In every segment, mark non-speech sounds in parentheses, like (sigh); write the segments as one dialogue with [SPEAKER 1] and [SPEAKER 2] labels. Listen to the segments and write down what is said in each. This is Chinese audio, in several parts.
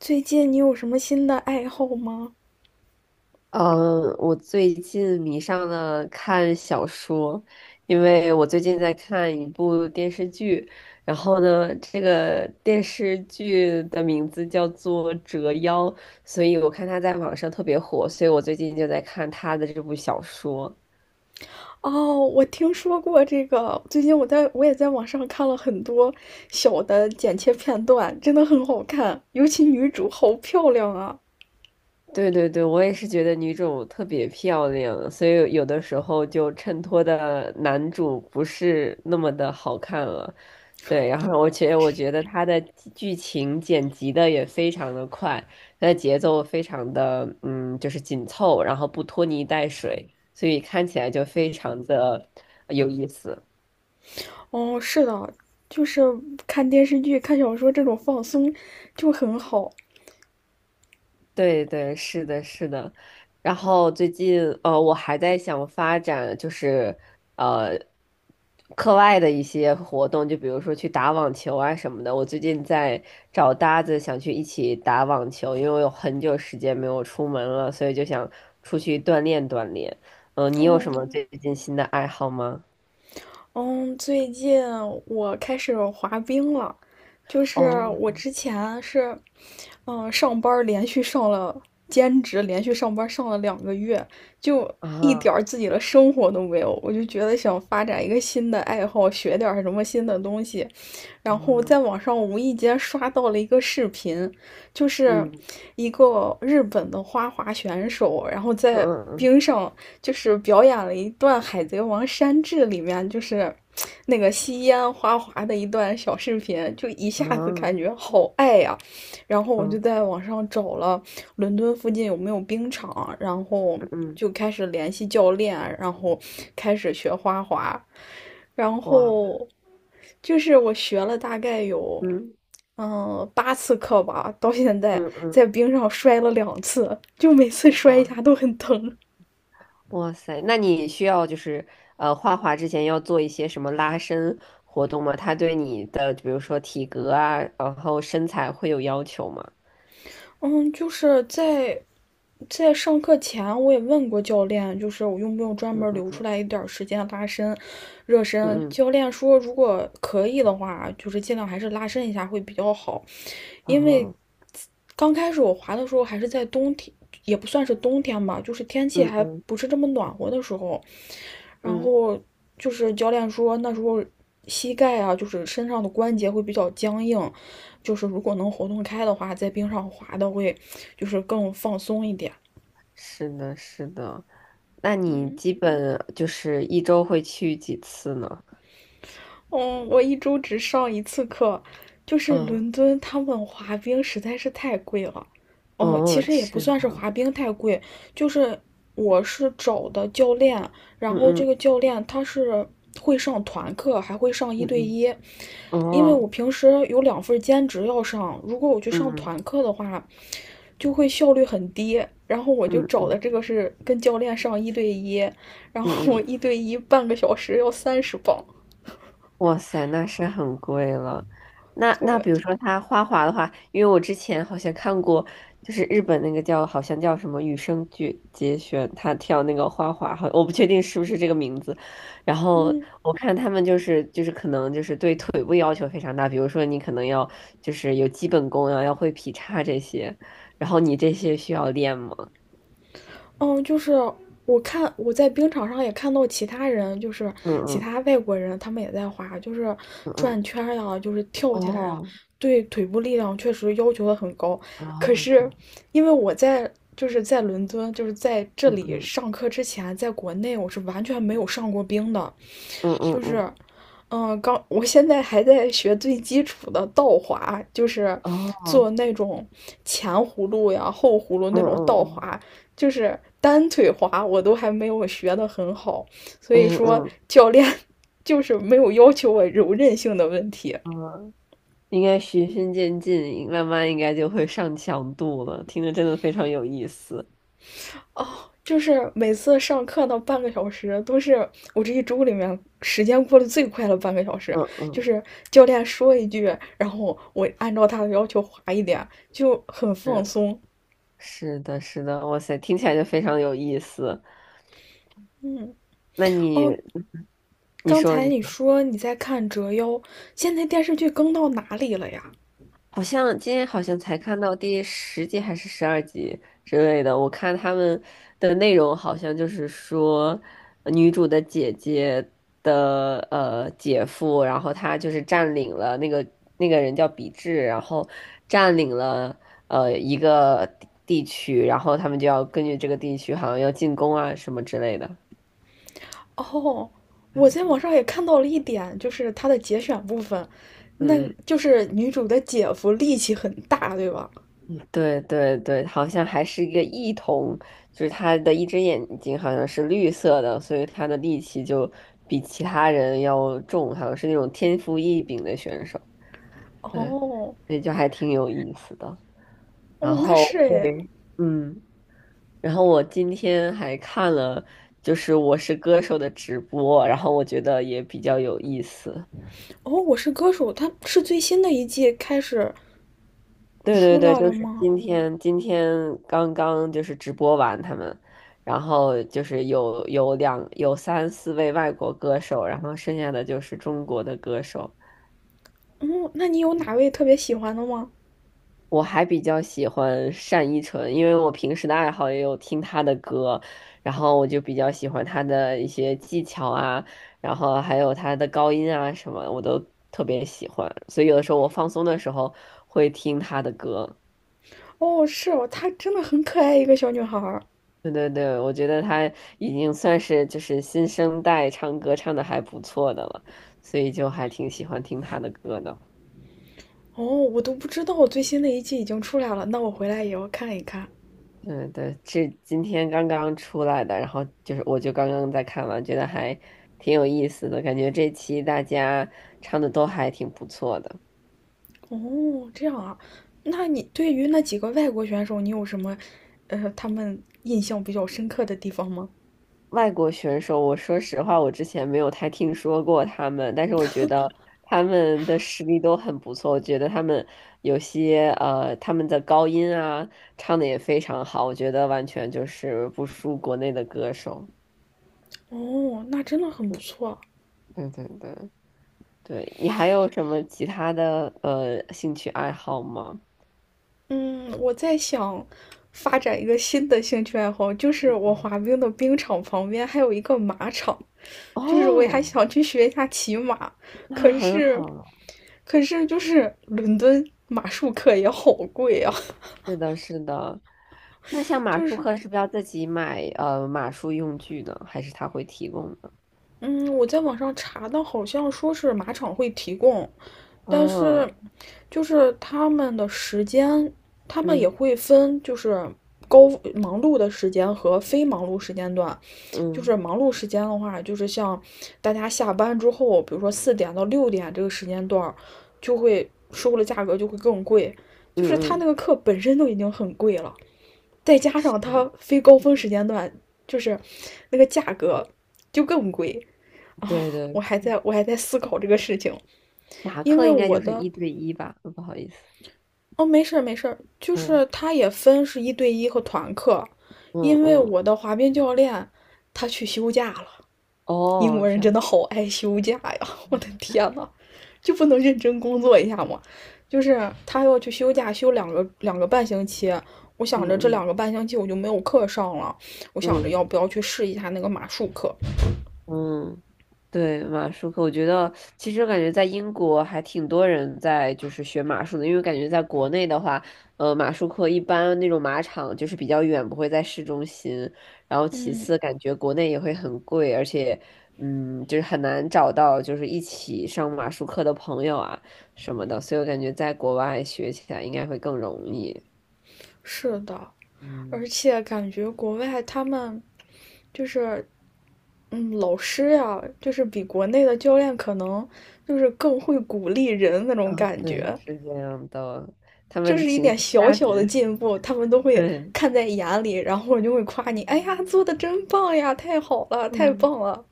[SPEAKER 1] 最近你有什么新的爱好吗？
[SPEAKER 2] 嗯，我最近迷上了看小说，因为我最近在看一部电视剧，然后呢，这个电视剧的名字叫做《折腰》，所以我看它在网上特别火，所以我最近就在看它的这部小说。
[SPEAKER 1] 哦，我听说过这个。最近我也在网上看了很多小的剪切片段，真的很好看，尤其女主好漂亮啊！
[SPEAKER 2] 对对对，我也是觉得女主特别漂亮，所以有的时候就衬托的男主不是那么的好看了。对，然后觉觉得我觉得他的剧情剪辑的也非常的快，他的节奏非常的就是紧凑，然后不拖泥带水，所以看起来就非常的有意思。
[SPEAKER 1] 哦，是的，就是看电视剧、看小说这种放松就很好。
[SPEAKER 2] 对对，是的，是的。然后最近，我还在想发展，就是呃，课外的一些活动，就比如说去打网球啊什么的。我最近在找搭子，想去一起打网球，因为我有很久时间没有出门了，所以就想出去锻炼锻炼。嗯、你有什么
[SPEAKER 1] 哦，
[SPEAKER 2] 最近新的爱好吗？
[SPEAKER 1] 嗯，最近我开始滑冰了，就是
[SPEAKER 2] 哦，
[SPEAKER 1] 我之前是，嗯，上班儿连续上了兼职，连续上班儿上了2个月，就一
[SPEAKER 2] 啊，
[SPEAKER 1] 点儿自己的生活都没有，我就觉得想发展一个新的爱好，学点儿什么新的东西，然后
[SPEAKER 2] 啊，
[SPEAKER 1] 在网上无意间刷到了一个视频，就是
[SPEAKER 2] 嗯，
[SPEAKER 1] 一个日本的花滑选手，然后
[SPEAKER 2] 嗯
[SPEAKER 1] 在
[SPEAKER 2] 嗯
[SPEAKER 1] 冰上就是表演了一段《海贼王山治》里面就是那个吸烟花滑的一段小视频，就一下
[SPEAKER 2] 嗯，
[SPEAKER 1] 子感觉
[SPEAKER 2] 啊
[SPEAKER 1] 好爱呀、啊然后我就
[SPEAKER 2] 嗯
[SPEAKER 1] 在网上找了伦敦附近有没有冰场，然后
[SPEAKER 2] 嗯嗯，
[SPEAKER 1] 就开始联系教练，然后开始学花滑，然后就是我学了大概有。
[SPEAKER 2] 嗯
[SPEAKER 1] 嗯，8次课吧，到现在
[SPEAKER 2] 嗯
[SPEAKER 1] 在
[SPEAKER 2] 嗯，
[SPEAKER 1] 冰上摔了两次，就每次摔一下
[SPEAKER 2] 哇。
[SPEAKER 1] 都很疼。
[SPEAKER 2] 哇塞，那你需要就是画画之前要做一些什么拉伸活动吗？它对你的比如说体格啊，然后身材会有要求吗？
[SPEAKER 1] 嗯，就是在上课前，我也问过教练，就是我用不用专
[SPEAKER 2] 嗯
[SPEAKER 1] 门留出
[SPEAKER 2] 嗯
[SPEAKER 1] 来一点儿时间拉伸、热
[SPEAKER 2] 嗯
[SPEAKER 1] 身。
[SPEAKER 2] 嗯
[SPEAKER 1] 教练说，如果可以的话，就是尽量还是拉伸一下会比较好。
[SPEAKER 2] 嗯
[SPEAKER 1] 因为
[SPEAKER 2] 哦
[SPEAKER 1] 刚开始我滑的时候还是在冬天，也不算是冬天吧，就是天气
[SPEAKER 2] 嗯
[SPEAKER 1] 还
[SPEAKER 2] 嗯
[SPEAKER 1] 不是这么暖和的时候，然
[SPEAKER 2] 嗯，
[SPEAKER 1] 后就是教练说那时候膝盖啊，就是身上的关节会比较僵硬，就是如果能活动开的话，在冰上滑的会就是更放松一点。
[SPEAKER 2] 是的，是的。那你
[SPEAKER 1] 嗯。
[SPEAKER 2] 基本就是一周会去几次呢？
[SPEAKER 1] 嗯，我一周只上一次课，就是
[SPEAKER 2] 嗯
[SPEAKER 1] 伦敦他们滑冰实在是太贵了。哦，其
[SPEAKER 2] 哦，
[SPEAKER 1] 实也不
[SPEAKER 2] 是
[SPEAKER 1] 算是
[SPEAKER 2] 的，
[SPEAKER 1] 滑冰太贵，就是我是找的教练，然
[SPEAKER 2] 嗯
[SPEAKER 1] 后这
[SPEAKER 2] 嗯
[SPEAKER 1] 个教练他是会上团课，还会上一
[SPEAKER 2] 嗯
[SPEAKER 1] 对一。
[SPEAKER 2] 嗯，
[SPEAKER 1] 因为
[SPEAKER 2] 哦，
[SPEAKER 1] 我平时有两份兼职要上，如果我去
[SPEAKER 2] 嗯
[SPEAKER 1] 上
[SPEAKER 2] 嗯
[SPEAKER 1] 团课的话，就会效率很低。然后我就
[SPEAKER 2] 嗯
[SPEAKER 1] 找的
[SPEAKER 2] 嗯
[SPEAKER 1] 这个是跟教练上一对一，然后
[SPEAKER 2] 嗯
[SPEAKER 1] 我
[SPEAKER 2] 嗯，
[SPEAKER 1] 一对一半个小时要30磅，
[SPEAKER 2] 哇塞，那是很贵了。那
[SPEAKER 1] 对。
[SPEAKER 2] 比如说他花滑的话，因为我之前好像看过，就是日本那个叫好像叫什么羽生结弦，他跳那个花滑，好我不确定是不是这个名字。然后我看他们就是可能就是对腿部要求非常大，比如说你可能要就是有基本功啊，要会劈叉这些，然后你这些需要练吗？
[SPEAKER 1] 嗯，就是我在冰场上也看到其他人，就是
[SPEAKER 2] 嗯
[SPEAKER 1] 其
[SPEAKER 2] 嗯
[SPEAKER 1] 他外国人，他们也在滑，就是
[SPEAKER 2] 嗯嗯，
[SPEAKER 1] 转圈儿呀，就是跳起来呀，
[SPEAKER 2] 哦，
[SPEAKER 1] 对腿部力量确实要求的很高。可
[SPEAKER 2] 哦，这
[SPEAKER 1] 是
[SPEAKER 2] 样，
[SPEAKER 1] 因为我在就是在伦敦，就是在这
[SPEAKER 2] 嗯
[SPEAKER 1] 里
[SPEAKER 2] 嗯
[SPEAKER 1] 上课之前，在国内我是完全没有上过冰的，
[SPEAKER 2] 嗯嗯
[SPEAKER 1] 就是，
[SPEAKER 2] 嗯，
[SPEAKER 1] 嗯，刚我现在还在学最基础的倒滑，就是
[SPEAKER 2] 哦，
[SPEAKER 1] 做那种前葫芦呀、后葫芦
[SPEAKER 2] 嗯
[SPEAKER 1] 那种
[SPEAKER 2] 嗯
[SPEAKER 1] 倒
[SPEAKER 2] 嗯。
[SPEAKER 1] 滑，就是单腿滑，我都还没有学的很好，所以
[SPEAKER 2] 嗯
[SPEAKER 1] 说
[SPEAKER 2] 嗯
[SPEAKER 1] 教练 (laughs) 就是没有要求我柔韧性的问题，
[SPEAKER 2] 嗯，应该循序渐进，慢慢应该就会上强度了。听着真的非常有意思。
[SPEAKER 1] 哦，就是每次上课那半个小时，都是我这一周里面时间过得最快的半个小时。
[SPEAKER 2] 嗯
[SPEAKER 1] 就
[SPEAKER 2] 嗯，
[SPEAKER 1] 是教练说一句，然后我按照他的要求划一点，就很放
[SPEAKER 2] 是，
[SPEAKER 1] 松。
[SPEAKER 2] 是的，是的，哇塞，听起来就非常有意思。
[SPEAKER 1] 嗯，
[SPEAKER 2] 那你
[SPEAKER 1] 哦，
[SPEAKER 2] 你
[SPEAKER 1] 刚
[SPEAKER 2] 说
[SPEAKER 1] 才
[SPEAKER 2] 你。
[SPEAKER 1] 你说你在看《折腰》，现在电视剧更到哪里了呀？
[SPEAKER 2] 好像今天好像才看到第10集还是12集之类的，我看他们的内容好像就是说，女主的姐姐的姐夫，然后他就是占领了那个人叫比智，然后占领了一个地区，然后他们就要根据这个地区好像要进攻啊什么之类的，
[SPEAKER 1] 哦，我在网上也看到了一点，就是它的节选部分，那
[SPEAKER 2] 嗯。
[SPEAKER 1] 就是女主的姐夫力气很大，对吧？
[SPEAKER 2] 对对对，好像还是一个异瞳，就是他的一只眼睛好像是绿色的，所以他的力气就比其他人要重，好像是那种天赋异禀的选手。对，
[SPEAKER 1] 哦，
[SPEAKER 2] 所以就还挺有意思的。
[SPEAKER 1] 哦，
[SPEAKER 2] 然
[SPEAKER 1] 那
[SPEAKER 2] 后
[SPEAKER 1] 是
[SPEAKER 2] (laughs)
[SPEAKER 1] 诶，
[SPEAKER 2] 对，嗯，然后我今天还看了就是《我是歌手》的直播，然后我觉得也比较有意思。
[SPEAKER 1] 哦，我是歌手，它是最新的一季开始
[SPEAKER 2] 对
[SPEAKER 1] 出
[SPEAKER 2] 对对，
[SPEAKER 1] 来了
[SPEAKER 2] 就是
[SPEAKER 1] 吗？
[SPEAKER 2] 今天，今天刚刚就是直播完他们，然后就是有三四位外国歌手，然后剩下的就是中国的歌手。
[SPEAKER 1] 嗯，那你有哪位特别喜欢的吗？
[SPEAKER 2] 我还比较喜欢单依纯，因为我平时的爱好也有听她的歌，然后我就比较喜欢她的一些技巧啊，然后还有她的高音啊什么，我都特别喜欢，所以有的时候我放松的时候会听她的歌。
[SPEAKER 1] 哦，是哦，她真的很可爱，一个小女孩儿。
[SPEAKER 2] 对对对，我觉得他已经算是就是新生代唱歌唱的还不错的了，所以就还挺喜欢听他的歌的。
[SPEAKER 1] 哦，我都不知道最新的一季已经出来了，那我回来也要看一看。
[SPEAKER 2] 对对，这今天刚刚出来的，然后就是我就刚刚在看完，觉得还挺有意思的，感觉这期大家唱的都还挺不错的。
[SPEAKER 1] 哦，这样啊，那你对于那几个外国选手，你有什么，他们印象比较深刻的地方吗？
[SPEAKER 2] 外国选手，我说实话，我之前没有太听说过他们，但是我觉得他们的实力都很不错。我觉得他们有些他们的高音啊，唱的也非常好，我觉得完全就是不输国内的歌手。
[SPEAKER 1] 哦，那真的很不错。
[SPEAKER 2] 对对对，对，你还有什么其他的兴趣爱好吗？
[SPEAKER 1] 嗯，我在想发展一个新的兴趣爱好，就是我滑冰的冰场旁边还有一个马场，就是我也还
[SPEAKER 2] 哦，
[SPEAKER 1] 想去学一下骑马，
[SPEAKER 2] 那
[SPEAKER 1] 可
[SPEAKER 2] 很
[SPEAKER 1] 是，
[SPEAKER 2] 好了。
[SPEAKER 1] 可是就是伦敦马术课也好贵啊，
[SPEAKER 2] 是的，是的。那像马
[SPEAKER 1] 就
[SPEAKER 2] 术
[SPEAKER 1] 是
[SPEAKER 2] 课是不是要自己买马术用具呢？还是他会提供的？
[SPEAKER 1] 嗯，我在网上查的，好像说是马场会提供，但是
[SPEAKER 2] 嗯，
[SPEAKER 1] 就是他们的时间，他们也
[SPEAKER 2] 嗯
[SPEAKER 1] 会分就是高忙碌的时间和非忙碌时间段。就
[SPEAKER 2] 嗯
[SPEAKER 1] 是忙碌时间的话，就是像大家下班之后，比如说4点到6点这个时间段就会收的价格就会更贵。就
[SPEAKER 2] 嗯
[SPEAKER 1] 是他那
[SPEAKER 2] 嗯
[SPEAKER 1] 个课本身都已经很贵了，再加上
[SPEAKER 2] 嗯，
[SPEAKER 1] 他非高峰时间段，就是那个价格就更贵啊！
[SPEAKER 2] 对对，
[SPEAKER 1] 我还在思考这个事情，
[SPEAKER 2] 马
[SPEAKER 1] 因
[SPEAKER 2] 克
[SPEAKER 1] 为
[SPEAKER 2] 应该
[SPEAKER 1] 我
[SPEAKER 2] 就是
[SPEAKER 1] 的
[SPEAKER 2] 一对一吧？嗯不好意思，
[SPEAKER 1] 哦，没事儿没事儿，就
[SPEAKER 2] 嗯
[SPEAKER 1] 是他也分是一对一和团课，
[SPEAKER 2] 嗯
[SPEAKER 1] 因为
[SPEAKER 2] 嗯，
[SPEAKER 1] 我的滑冰教练他去休假了。英
[SPEAKER 2] 哦，
[SPEAKER 1] 国人
[SPEAKER 2] 这
[SPEAKER 1] 真
[SPEAKER 2] 样，
[SPEAKER 1] 的好爱休假呀！(laughs) 我的天呐，就不能认真工作一下吗？就是他要去休假，休两个半星期。我
[SPEAKER 2] 嗯
[SPEAKER 1] 想着这
[SPEAKER 2] 嗯
[SPEAKER 1] 两个半星期我就没有课上了，我想着要
[SPEAKER 2] 嗯
[SPEAKER 1] 不要去试一下那个马术课。
[SPEAKER 2] 嗯，对，马术课，我觉得其实我感觉在英国还挺多人在就是学马术的，因为感觉在国内的话，马术课一般那种马场就是比较远，不会在市中心。然后其次，感觉国内也会很贵，而且，嗯，就是很难找到就是一起上马术课的朋友啊什么的，所以我感觉在国外学起来应该会更容易。
[SPEAKER 1] 是的，而
[SPEAKER 2] 嗯，
[SPEAKER 1] 且感觉国外他们就是，嗯，老师呀，就是比国内的教练可能就是更会鼓励人那
[SPEAKER 2] 啊，
[SPEAKER 1] 种感
[SPEAKER 2] 对，
[SPEAKER 1] 觉。
[SPEAKER 2] 是这样的，他
[SPEAKER 1] 就
[SPEAKER 2] 们
[SPEAKER 1] 是一
[SPEAKER 2] 情绪
[SPEAKER 1] 点小
[SPEAKER 2] 价
[SPEAKER 1] 小的
[SPEAKER 2] 值，
[SPEAKER 1] 进步，他们
[SPEAKER 2] (laughs)
[SPEAKER 1] 都会
[SPEAKER 2] 对，
[SPEAKER 1] 看在眼里，然后就会夸你，哎呀，做的真棒呀，太好了，太
[SPEAKER 2] 嗯。
[SPEAKER 1] 棒了。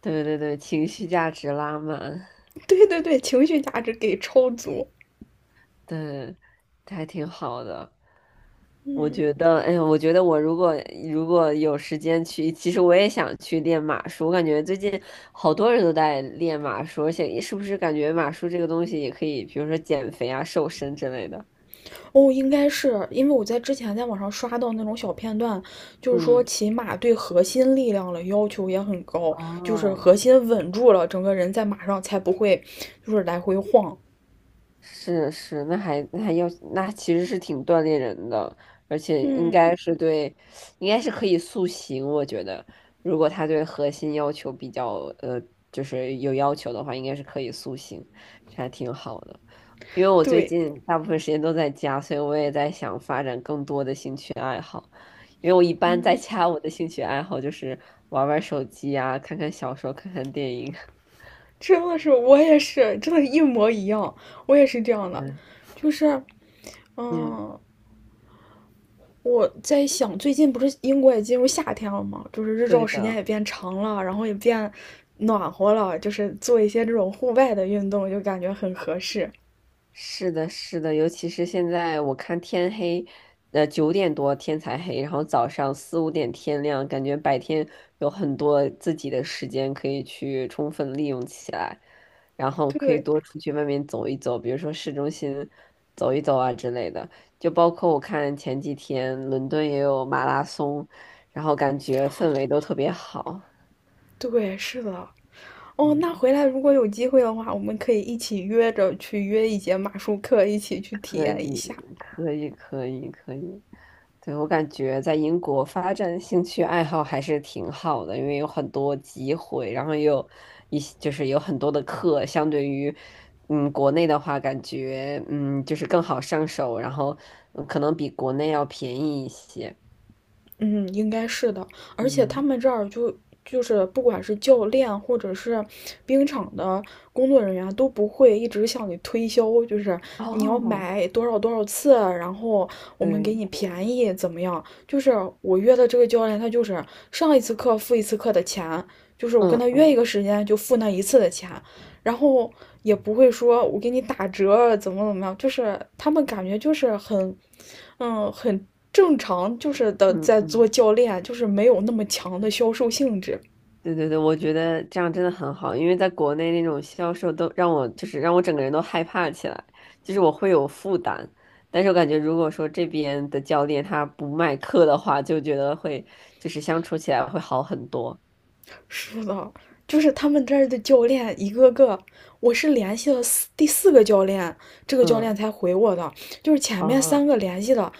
[SPEAKER 2] 对对对，情绪价值拉满，
[SPEAKER 1] (laughs) 对对对，情绪价值给超足。
[SPEAKER 2] 对，还挺好的。我
[SPEAKER 1] 嗯，
[SPEAKER 2] 觉得，哎呀，我觉得我如果有时间去，其实我也想去练马术。我感觉最近好多人都在练马术，而且是不是感觉马术这个东西也可以，比如说减肥啊、瘦身之类的。
[SPEAKER 1] 哦，应该是因为我在之前在网上刷到那种小片段，就是说
[SPEAKER 2] 嗯，
[SPEAKER 1] 骑马对核心力量的要求也很高，就是核
[SPEAKER 2] 哦，
[SPEAKER 1] 心稳住了，整个人在马上才不会就是来回晃。
[SPEAKER 2] 是是，那还那还要那其实是挺锻炼人的，而且应
[SPEAKER 1] 嗯，
[SPEAKER 2] 该是对，应该是可以塑形。我觉得，如果他对核心要求比较呃，就是有要求的话，应该是可以塑形，这还挺好的。因为我最
[SPEAKER 1] 对，
[SPEAKER 2] 近 (laughs) 大部分时间都在家，所以我也在想发展更多的兴趣爱好。因为我一般在
[SPEAKER 1] 嗯，
[SPEAKER 2] 家，我的兴趣爱好就是玩玩手机啊，看看小说，看看电影。(laughs)
[SPEAKER 1] 真的是我也是，真的，一模一样，我也是这样的，
[SPEAKER 2] 嗯，
[SPEAKER 1] 就是。
[SPEAKER 2] 嗯，
[SPEAKER 1] 嗯，我在想，最近不是英国也进入夏天了吗？就是日照
[SPEAKER 2] 对
[SPEAKER 1] 时间
[SPEAKER 2] 的。
[SPEAKER 1] 也变长了，然后也变暖和了，就是做一些这种户外的运动，就感觉很合适。
[SPEAKER 2] 是的，是的，尤其是现在我看天黑，9点多天才黑，然后早上4、5点天亮，感觉白天有很多自己的时间可以去充分利用起来，然后可以
[SPEAKER 1] 对，
[SPEAKER 2] 多出去外面走一走，比如说市中心走一走啊之类的。就包括我看前几天伦敦也有马拉松，然后感觉氛围都特别好。
[SPEAKER 1] 对，是的。哦，那
[SPEAKER 2] 嗯。
[SPEAKER 1] 回来如果有机会的话，我们可以一起约着去约一节马术课，一起去体
[SPEAKER 2] 可
[SPEAKER 1] 验
[SPEAKER 2] 以，
[SPEAKER 1] 一下。
[SPEAKER 2] 可以，可以，可以。对，我感觉在英国发展兴趣爱好还是挺好的，因为有很多机会，然后也有一些就是有很多的课，相对于国内的话，感觉就是更好上手，然后可能比国内要便宜一些。
[SPEAKER 1] 嗯，应该是的，而且他
[SPEAKER 2] 嗯，
[SPEAKER 1] 们这儿就就是不管是教练或者是冰场的工作人员都不会一直向你推销，就是你要
[SPEAKER 2] 哦，
[SPEAKER 1] 买多少多少次，然后我们
[SPEAKER 2] 对
[SPEAKER 1] 给你
[SPEAKER 2] 对，
[SPEAKER 1] 便宜怎么样？就是我约的这个教练，他就是上一次课付一次课的钱，就是我跟
[SPEAKER 2] 嗯
[SPEAKER 1] 他约一
[SPEAKER 2] 嗯
[SPEAKER 1] 个时间就付那一次的钱，然后也不会说我给你打折啊怎么怎么样，就是他们感觉就是很，嗯，很正常，就是的
[SPEAKER 2] 嗯
[SPEAKER 1] 在做
[SPEAKER 2] 嗯。
[SPEAKER 1] 教练，就是没有那么强的销售性质。
[SPEAKER 2] 对对对，我觉得这样真的很好，因为在国内那种销售都让我就是让我整个人都害怕起来，就是我会有负担。但是我感觉如果说这边的教练他不卖课的话，就觉得会就是相处起来会好很多。
[SPEAKER 1] 是的，就是他们这儿的教练一个个，我是联系了第四个教练，这个教练
[SPEAKER 2] 嗯，
[SPEAKER 1] 才回我的，就是前面
[SPEAKER 2] 哦
[SPEAKER 1] 三个联系的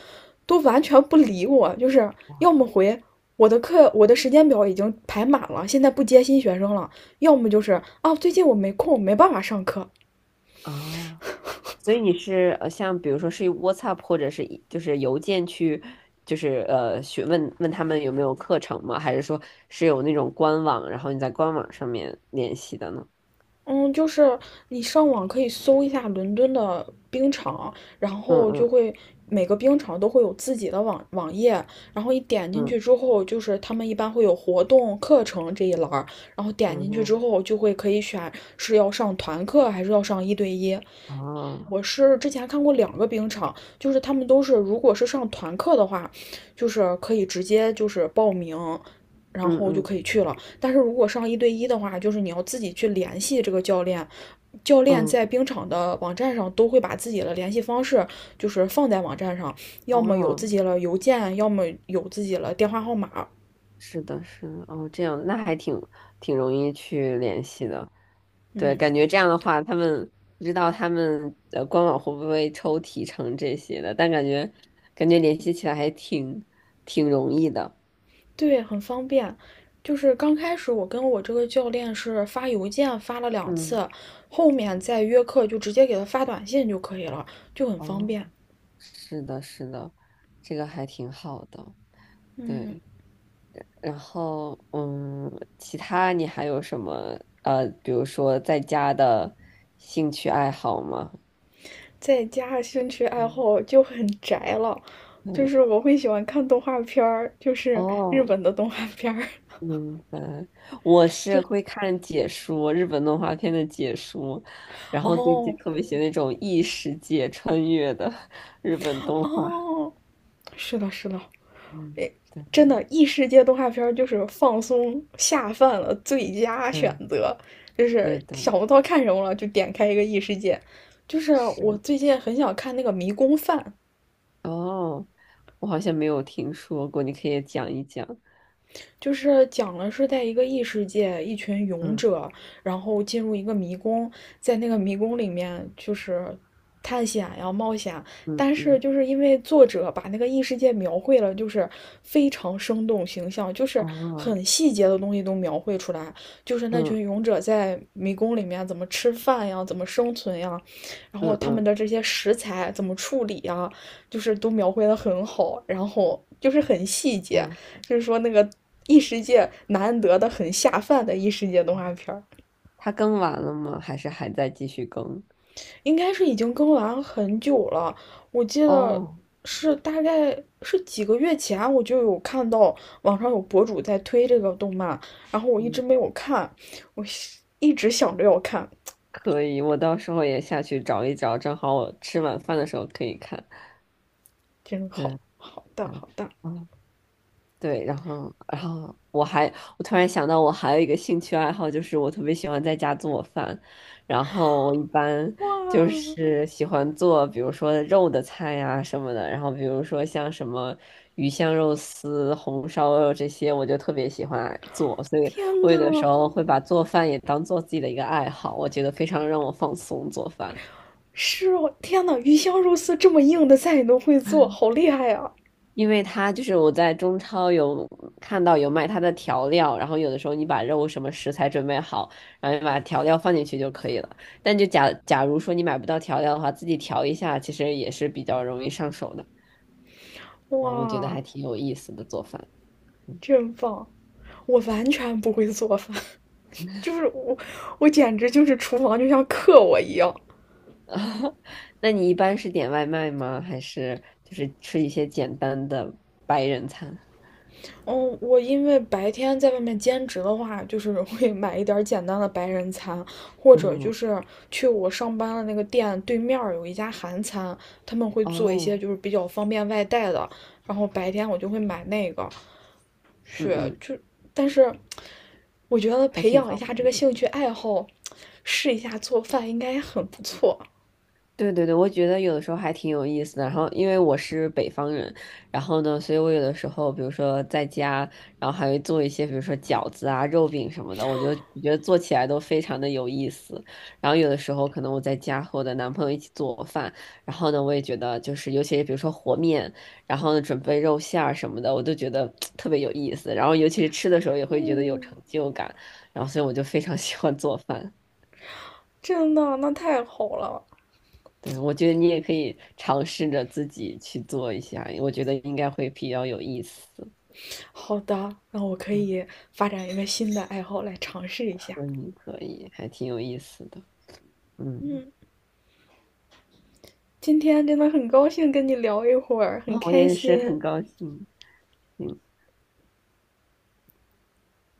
[SPEAKER 1] 都完全不理我，就是要么回我的课，我的时间表已经排满了，现在不接新学生了，要么就是啊最近我没空，没办法上课，
[SPEAKER 2] 哦，所以你是像比如说是用 WhatsApp 或者是就是邮件去就是问他们有没有课程吗？还是说是有那种官网，然后你在官网上面联系的呢？
[SPEAKER 1] 嗯，就是你上网可以搜一下伦敦的冰场，然
[SPEAKER 2] 嗯
[SPEAKER 1] 后就
[SPEAKER 2] 嗯
[SPEAKER 1] 会每个冰场都会有自己的网页，然后一点进
[SPEAKER 2] 嗯。
[SPEAKER 1] 去之后，就是他们一般会有活动、课程这一栏儿，然后点进去之
[SPEAKER 2] 嗯，
[SPEAKER 1] 后就会可以选是要上团课还是要上一对一，
[SPEAKER 2] 哦，
[SPEAKER 1] 我是之前看过两个冰场，就是他们都是，如果是上团课的话，就是可以直接就是报名，然
[SPEAKER 2] 嗯
[SPEAKER 1] 后就
[SPEAKER 2] 嗯
[SPEAKER 1] 可以去了。但是如果上一对一的话，就是你要自己去联系这个教练，教练
[SPEAKER 2] 嗯，
[SPEAKER 1] 在冰场的网站上都会把自己的联系方式就是放在网站上，要么有自
[SPEAKER 2] 哦，
[SPEAKER 1] 己的邮件，要么有自己的电话号码。
[SPEAKER 2] 是的，是的，哦，这样，那还挺容易去联系的，对，
[SPEAKER 1] 嗯，
[SPEAKER 2] 感觉这
[SPEAKER 1] 是
[SPEAKER 2] 样的
[SPEAKER 1] 的。
[SPEAKER 2] 话，他们不知道他们官网会不会抽提成这些的，但感觉联系起来还挺容易的，
[SPEAKER 1] 对，很方便。就是刚开始我跟我这个教练是发邮件发了两
[SPEAKER 2] 嗯，
[SPEAKER 1] 次，后面再约课就直接给他发短信就可以了，就很方
[SPEAKER 2] 哦，
[SPEAKER 1] 便。
[SPEAKER 2] 是的，是的，这个还挺好的，
[SPEAKER 1] 嗯，
[SPEAKER 2] 对。然后，嗯，其他你还有什么，比如说在家的兴趣爱好吗？
[SPEAKER 1] 再加上兴趣爱
[SPEAKER 2] 嗯
[SPEAKER 1] 好就很宅了，就
[SPEAKER 2] 嗯，
[SPEAKER 1] 是我会喜欢看动画片儿，就是日
[SPEAKER 2] 哦，
[SPEAKER 1] 本的动画片儿。
[SPEAKER 2] 明白。我是
[SPEAKER 1] 就
[SPEAKER 2] 会看解说，日本动画片的解说，然后最近
[SPEAKER 1] 哦
[SPEAKER 2] 特别喜欢那种异世界穿越的日本动画。
[SPEAKER 1] 哦，是的，是的，
[SPEAKER 2] 嗯，对
[SPEAKER 1] 真的异世界动画片就是放松下饭的最佳选
[SPEAKER 2] 对
[SPEAKER 1] 择，就
[SPEAKER 2] 对
[SPEAKER 1] 是
[SPEAKER 2] 对，
[SPEAKER 1] 想不到看什么了就点开一个异世界。就是我
[SPEAKER 2] 是。
[SPEAKER 1] 最近很想看那个《迷宫饭》，
[SPEAKER 2] 哦，我好像没有听说过，你可以讲一讲。
[SPEAKER 1] 就是讲了是在一个异世界，一群勇
[SPEAKER 2] 嗯
[SPEAKER 1] 者，然后进入一个迷宫，在那个迷宫里面就是探险呀、冒险，
[SPEAKER 2] 嗯
[SPEAKER 1] 但是
[SPEAKER 2] 嗯，
[SPEAKER 1] 就是因为作者把那个异世界描绘了，就是非常生动形象，就是
[SPEAKER 2] 哦，
[SPEAKER 1] 很细节的东西都描绘出来，就是那
[SPEAKER 2] 嗯
[SPEAKER 1] 群勇者在迷宫里面怎么吃饭呀，怎么生存呀，然后
[SPEAKER 2] 嗯
[SPEAKER 1] 他们
[SPEAKER 2] 嗯。
[SPEAKER 1] 的这些食材怎么处理呀，就是都描绘的很好，然后就是很细节，
[SPEAKER 2] 我
[SPEAKER 1] 就是说那个异世界难得的很下饭的异世界动画片儿，
[SPEAKER 2] 它更完了吗？还是还在继续更？
[SPEAKER 1] 应该是已经更完很久了。我记得
[SPEAKER 2] 哦，
[SPEAKER 1] 是大概是几个月前，我就有看到网上有博主在推这个动漫，然后我一直
[SPEAKER 2] 嗯，
[SPEAKER 1] 没有看，我一直想着要看，
[SPEAKER 2] 可以，我到时候也下去找一找，正好我吃晚饭的时候可以看。
[SPEAKER 1] 真
[SPEAKER 2] 对
[SPEAKER 1] 好好大
[SPEAKER 2] 对，
[SPEAKER 1] 好大
[SPEAKER 2] 哦，对，然后，我突然想到，我还有一个兴趣爱好，就是我特别喜欢在家做饭。然后我一般就
[SPEAKER 1] 哇！
[SPEAKER 2] 是喜欢做，比如说肉的菜呀、什么的。然后比如说像什么鱼香肉丝、红烧肉这些，我就特别喜欢做。所以
[SPEAKER 1] 天
[SPEAKER 2] 我有的时
[SPEAKER 1] 呐，
[SPEAKER 2] 候会把做饭也当做自己的一个爱好，我觉得非常让我放松做饭。
[SPEAKER 1] 是哦，天呐，鱼香肉丝这么硬的菜你都会做，好厉害啊！
[SPEAKER 2] 因为它就是我在中超有看到有卖它的调料，然后有的时候你把肉什么食材准备好，然后你把调料放进去就可以了。但就假如说你买不到调料的话，自己调一下，其实也是比较容易上手的。然后我觉得
[SPEAKER 1] 哇，
[SPEAKER 2] 还挺有意思的做饭。
[SPEAKER 1] 真棒！我完全不会做饭，就是我，我简直就是厨房就像克我一样。
[SPEAKER 2] (laughs) 那你一般是点外卖吗？还是就是吃一些简单的白人餐？
[SPEAKER 1] 嗯，我因为白天在外面兼职的话，就是会买一点简单的白人餐，或者就
[SPEAKER 2] 嗯，
[SPEAKER 1] 是去我上班的那个店对面有一家韩餐，他们会做一些
[SPEAKER 2] 哦，
[SPEAKER 1] 就是比较方便外带的，然后白天我就会买那个
[SPEAKER 2] 嗯
[SPEAKER 1] 去，
[SPEAKER 2] 嗯，
[SPEAKER 1] 就但是我觉得
[SPEAKER 2] 还
[SPEAKER 1] 培
[SPEAKER 2] 挺
[SPEAKER 1] 养一
[SPEAKER 2] 方
[SPEAKER 1] 下这个
[SPEAKER 2] 便。
[SPEAKER 1] 兴趣爱好，试一下做饭应该很不错。
[SPEAKER 2] 对对对，我觉得有的时候还挺有意思的。然后，因为我是北方人，然后呢，所以我有的时候，比如说在家，然后还会做一些，比如说饺子啊、肉饼什么的，我觉得做起来都非常的有意思。然后有的时候，可能我在家和我的男朋友一起做饭，然后呢，我也觉得就是，尤其是比如说和面，然后呢准备肉馅儿什么的，我都觉得 (tsk) 特别有意思。然后尤其是吃的时候，也会觉得有
[SPEAKER 1] 嗯，
[SPEAKER 2] 成就感。然后，所以我就非常喜欢做饭。
[SPEAKER 1] 真的，那太好了。
[SPEAKER 2] 对，我觉得你也可以尝试着自己去做一下，我觉得应该会比较有意思。
[SPEAKER 1] 好的，那我可
[SPEAKER 2] 嗯，
[SPEAKER 1] 以发展一个新的爱好来尝试一下。
[SPEAKER 2] 可以可以，还挺有意思的。嗯，
[SPEAKER 1] 嗯，今天真的很高兴跟你聊一会儿，
[SPEAKER 2] 啊，
[SPEAKER 1] 很
[SPEAKER 2] 我
[SPEAKER 1] 开
[SPEAKER 2] 也是
[SPEAKER 1] 心。
[SPEAKER 2] 很高兴。嗯